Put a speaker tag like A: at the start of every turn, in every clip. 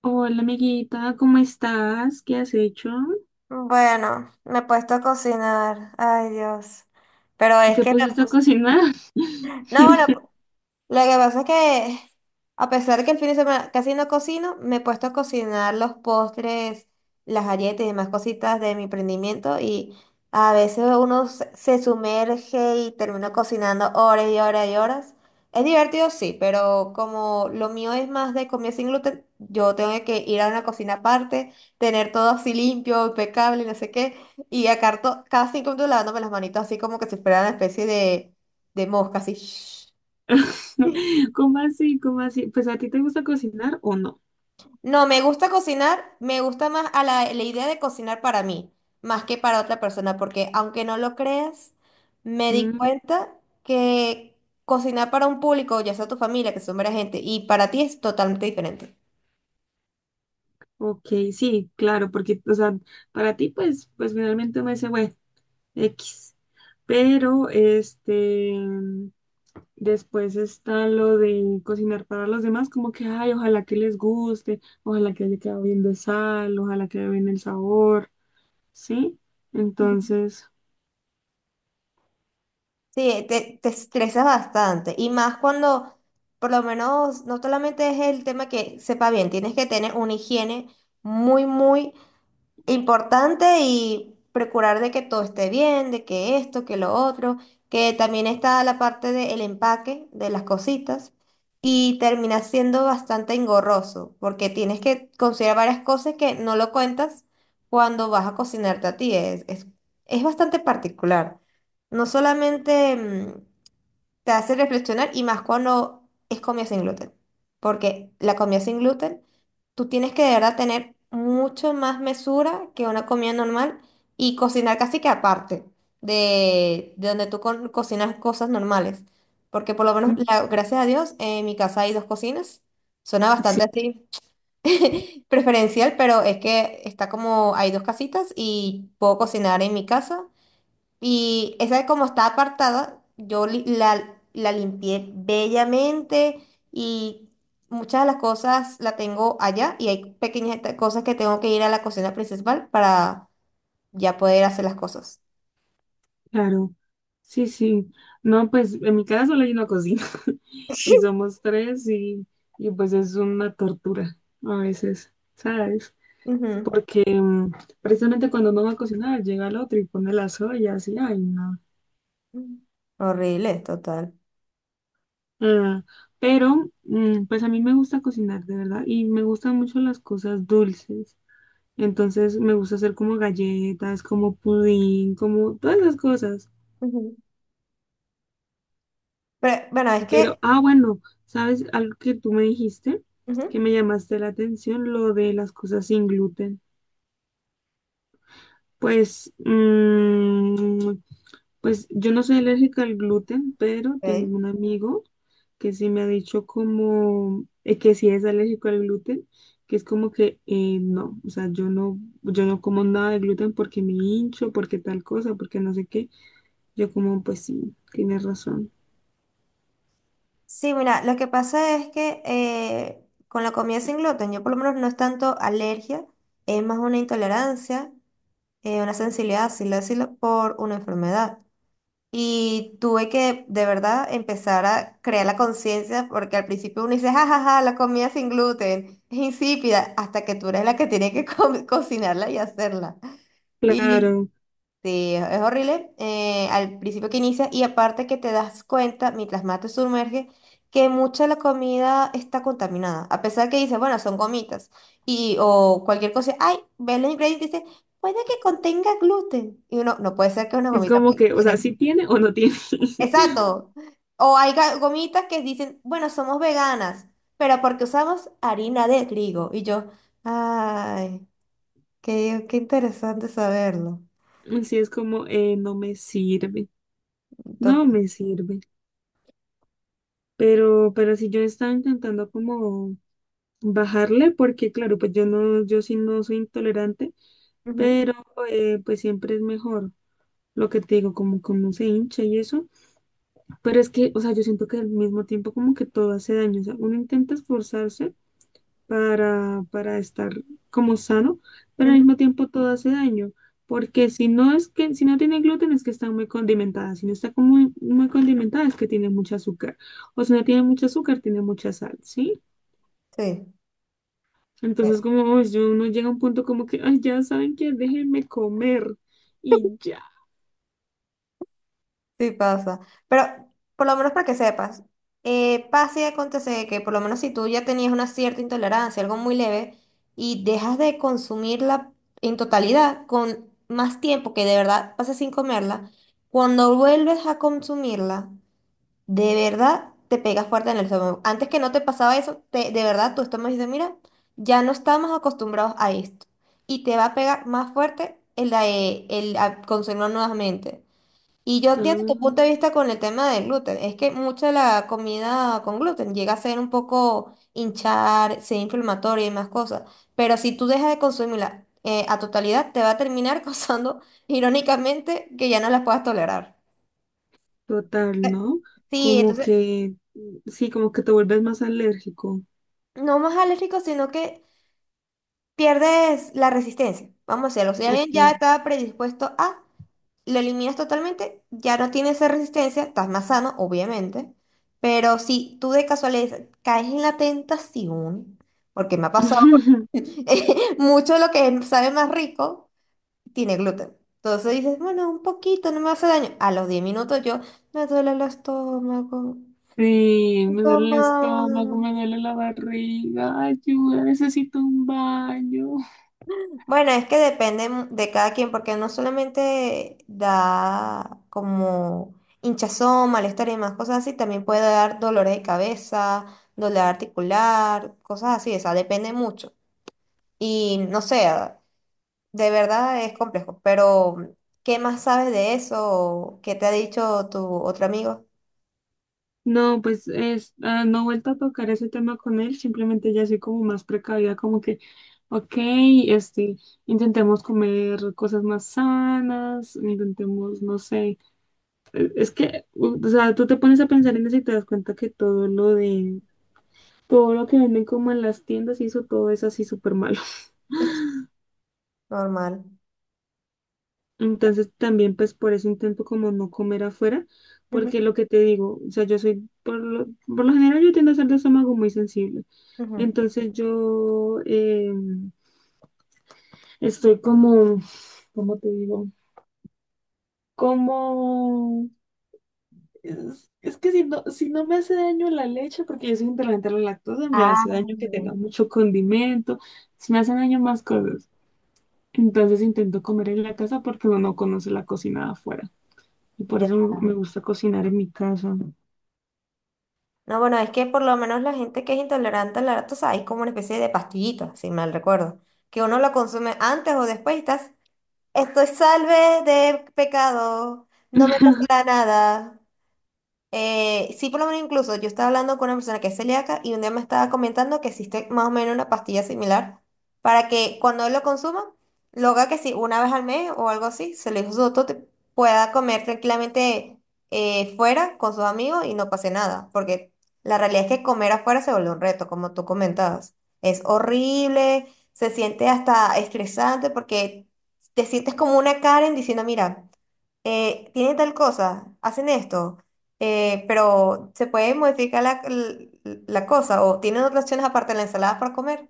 A: Hola amiguita, ¿cómo estás? ¿Qué has hecho?
B: Bueno, me he puesto a cocinar. Ay, Dios. Pero es
A: ¿Te
B: que me
A: pusiste a
B: puse.
A: cocinar?
B: No, bueno, lo que pasa es que, a pesar de que el fin de semana casi no cocino, me he puesto a cocinar los postres, las galletas y demás cositas de mi emprendimiento. Y a veces uno se sumerge y termina cocinando horas y horas y horas. Es divertido, sí, pero como lo mío es más de comida sin gluten, yo tengo que ir a una cocina aparte, tener todo así limpio, impecable, no sé qué, y acá cada 5 minutos lavándome las manitos así como que si fuera una especie de, mosca, así.
A: ¿Cómo así? ¿Cómo así? ¿Pues a ti te gusta cocinar o no?
B: No, me gusta cocinar, me gusta más a la idea de cocinar para mí, más que para otra persona, porque aunque no lo creas, me di
A: Mm,
B: cuenta que cocinar para un público, ya sea tu familia, que son varias gente, y para ti es totalmente diferente.
A: ok, sí, claro, porque, o sea, para ti, pues, pues finalmente me dice, bueno, X. Pero, después está lo de cocinar para los demás, como que, ay, ojalá que les guste, ojalá que haya quedado bien de sal, ojalá que haya bien el sabor, ¿sí? Entonces...
B: Sí, te estresas bastante, y más cuando, por lo menos, no solamente es el tema que sepa bien, tienes que tener una higiene muy, muy importante, y procurar de que todo esté bien, de que esto, que lo otro, que también está la parte del empaque de las cositas, y termina siendo bastante engorroso porque tienes que considerar varias cosas que no lo cuentas cuando vas a cocinarte a ti. Es bastante particular. No solamente te hace reflexionar, y más cuando es comida sin gluten, porque la comida sin gluten, tú tienes que de verdad tener mucho más mesura que una comida normal y cocinar casi que aparte de, donde tú cocinas cosas normales. Porque por lo menos,
A: mm,
B: gracias a Dios, en mi casa hay dos cocinas. Suena
A: sí,
B: bastante así preferencial, pero es que está como, hay dos casitas y puedo cocinar en mi casa, y esa como está apartada, yo la limpié bellamente, y muchas de las cosas la tengo allá, y hay pequeñas cosas que tengo que ir a la cocina principal para ya poder hacer las cosas.
A: claro. Sí, sí. No, pues en mi casa solo hay una cocina y somos tres y pues es una tortura a veces, ¿sabes?
B: Ujú.
A: Porque precisamente cuando uno va a cocinar llega el otro y pone las ollas y ay, no.
B: Horrible, total.
A: Ah, pero pues a mí me gusta cocinar, de verdad, y me gustan mucho las cosas dulces. Entonces me gusta hacer como galletas, como pudín, como todas las cosas.
B: Ujú. Pero bueno, es que...
A: Pero, ah, bueno, ¿sabes algo que tú me dijiste? Que
B: Ujú.
A: me llamaste la atención, lo de las cosas sin gluten. Pues, pues yo no soy alérgica al gluten, pero tengo
B: Ok.
A: un amigo que sí me ha dicho como que sí es alérgico al gluten, que es como que no, o sea, yo no como nada de gluten porque me hincho, porque tal cosa, porque no sé qué. Yo como, pues sí, tienes razón.
B: Sí, mira, lo que pasa es que con la comida sin gluten, yo por lo menos no es tanto alergia, es más una intolerancia. Una sensibilidad, así decirlo, por una enfermedad. Y tuve que de verdad empezar a crear la conciencia, porque al principio uno dice, jajaja, la comida sin gluten es insípida, hasta que tú eres la que tiene que cocinarla y hacerla.
A: Claro,
B: Sí, es horrible. Al principio que inicia, y aparte que te das cuenta, mientras más te sumerges, que mucha de la comida está contaminada. A pesar que dices, bueno, son gomitas y, o cualquier cosa, ay, ves los ingredientes y dice, puede que contenga gluten. Y uno, no puede ser que una
A: es
B: gomita
A: como
B: pueda
A: que, o sea,
B: contener.
A: sí tiene o no tiene.
B: Exacto. O hay gomitas que dicen, bueno, somos veganas, pero porque usamos harina de trigo. Y yo, ay, qué, qué interesante saberlo.
A: Así es como, no me sirve, no
B: Total.
A: me sirve. Pero si yo estaba intentando como bajarle, porque claro, pues yo no, yo sí no soy intolerante, pero pues siempre es mejor lo que te digo, como que uno se hincha y eso. Pero es que, o sea, yo siento que al mismo tiempo como que todo hace daño. O sea, uno intenta esforzarse, para estar como sano, pero al mismo tiempo todo hace daño, porque si no es que, si no tiene gluten es que está muy condimentada, si no está como muy, muy condimentada es que tiene mucho azúcar, o si no tiene mucho azúcar, tiene mucha sal, ¿sí?
B: Sí, eh,
A: Entonces como uy, yo, uno llega a un punto como que, ay, ya saben que déjenme comer y ya.
B: sí pasa. Pero por lo menos para que sepas, pasa y acontece que por lo menos si tú ya tenías una cierta intolerancia, algo muy leve, y dejas de consumirla en totalidad con más tiempo que de verdad pasas sin comerla, cuando vuelves a consumirla, de verdad te pegas fuerte en el estómago. Antes que no te pasaba eso, de verdad tu estómago dice, mira, ya no estamos acostumbrados a esto. Y te va a pegar más fuerte el, el a consumirlo nuevamente. Y yo entiendo tu
A: Ah,
B: punto de vista con el tema del gluten. Es que mucha de la comida con gluten llega a ser un poco hinchar, ser inflamatoria y más cosas. Pero si tú dejas de consumirla a totalidad, te va a terminar causando, irónicamente, que ya no las puedas tolerar.
A: total,
B: Eh,
A: ¿no?
B: Sí,
A: Como
B: entonces,
A: que, sí, como que te vuelves más alérgico.
B: no más alérgico, sino que pierdes la resistencia. Vamos a decirlo. Si alguien
A: Ok.
B: ya está predispuesto a, lo eliminas totalmente, ya no tienes esa resistencia, estás más sano, obviamente, pero si tú de casualidad caes en la tentación, porque me ha pasado, mucho de lo que sabe más rico tiene gluten. Entonces dices, bueno, un poquito, no me hace daño. A los 10 minutos yo me duele el estómago.
A: Sí, me duele el
B: Toma.
A: estómago, me duele la barriga, ayuda, necesito un baño.
B: Bueno, es que depende de cada quien, porque no solamente da como hinchazón, malestar y demás cosas así, también puede dar dolores de cabeza, dolor articular, cosas así, o sea, depende mucho. Y no sé, de verdad es complejo, pero ¿qué más sabes de eso? ¿Qué te ha dicho tu otro amigo?
A: No, pues es, ah, no he vuelto a tocar ese tema con él, simplemente ya soy como más precavida, como que, ok, este, intentemos comer cosas más sanas, intentemos, no sé, es que, o sea, tú te pones a pensar en eso y te das cuenta que todo lo que venden como en las tiendas y eso, todo es así súper malo.
B: Normal.
A: Entonces también pues por eso intento como no comer afuera, porque
B: Ujú,
A: lo que te digo, o sea, yo soy, por lo general yo tiendo a ser de estómago muy sensible.
B: ujú.
A: Entonces yo estoy como, ¿cómo te digo? Como, es que si no, si no me hace daño la leche, porque yo soy intolerante a la lactosa, me
B: Ah,
A: hace daño que tenga mucho condimento, si me hacen daño más cosas. Entonces intento comer en la casa porque uno no conoce la cocina de afuera, y por
B: ya.
A: eso me gusta cocinar en mi casa.
B: No, bueno, es que por lo menos la gente que es intolerante al lactosa sabes, es como una especie de pastillita, si mal recuerdo, que uno la consume antes o después y estás, estoy salve de pecado, no me pasará nada. Sí, por lo menos incluso yo estaba hablando con una persona que es celíaca, y un día me estaba comentando que existe más o menos una pastilla similar para que cuando él lo consuma, lo haga que si una vez al mes o algo así, se lo dijo su doctor, pueda comer tranquilamente fuera con sus amigos y no pase nada, porque la realidad es que comer afuera se vuelve un reto, como tú comentabas. Es horrible, se siente hasta estresante porque te sientes como una Karen diciendo, mira, tiene tal cosa, hacen esto, pero se puede modificar la cosa, o tienen otras opciones aparte de la ensalada para comer.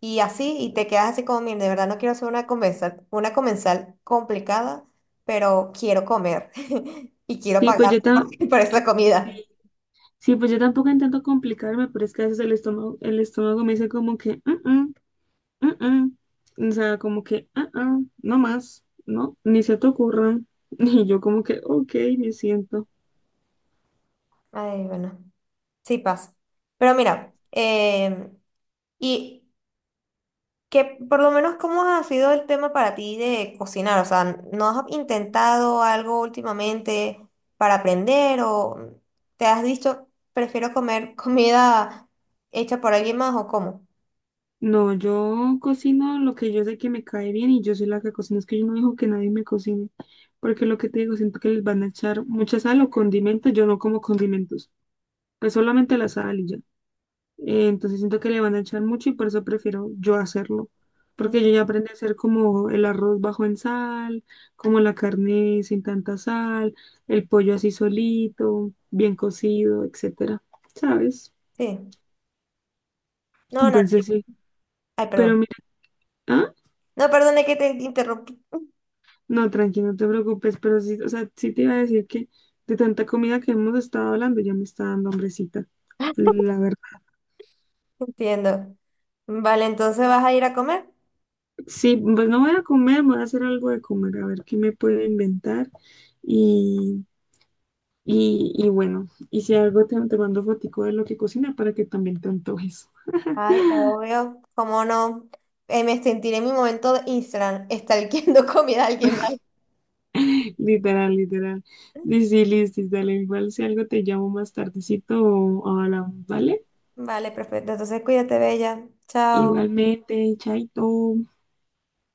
B: Y así, y te quedas así como, mira, de verdad no quiero hacer una comensal complicada, pero quiero comer y quiero
A: Sí, pues
B: pagar
A: yo
B: por, esa
A: eh,
B: comida.
A: sí, sí, pues yo tampoco intento complicarme, pero es que a veces el estómago me dice como que, "Mm, mm, mm, mm". O sea, como que, "Ah, ah, no más, no, ni se te ocurra". Y yo como que, ok, me siento.
B: Ay, bueno, sí pasa. Pero mira, y que por lo menos, ¿cómo ha sido el tema para ti de cocinar? O sea, ¿no has intentado algo últimamente para aprender, o te has dicho, prefiero comer comida hecha por alguien más, o cómo?
A: No, yo cocino lo que yo sé que me cae bien y yo soy la que cocina. Es que yo no dejo que nadie me cocine, porque lo que te digo, siento que les van a echar mucha sal o condimentos. Yo no como condimentos, pues solamente la sal y ya. Entonces siento que le van a echar mucho y por eso prefiero yo hacerlo. Porque yo
B: Mm,
A: ya aprendí a hacer como el arroz bajo en sal, como la carne sin tanta sal, el pollo así solito, bien cocido, etcétera, ¿sabes?
B: sí. No, no,
A: Entonces sí.
B: ay,
A: Pero
B: perdón.
A: mira, ah,
B: No, perdón, que te interrumpí.
A: no, tranqui, no te preocupes, pero sí, o sea, sí te iba a decir que de tanta comida que hemos estado hablando ya me está dando hambrecita, la verdad.
B: Entiendo. Vale, entonces vas a ir a comer.
A: Sí, pues no voy a comer, voy a hacer algo de comer, a ver qué me puedo inventar. Y y, bueno, y si algo te mando fotico de lo que cocina para que también te antojes.
B: Ay, obvio, cómo no. Me sentiré en mi momento de Instagram, estalqueando comida a alguien más.
A: Literal, literal. Sí, sí, listis, dale. Igual si algo te llamo más tardecito o hablamos, ¿vale?
B: Vale, perfecto. Entonces cuídate, bella. Chao.
A: Igualmente, chaito.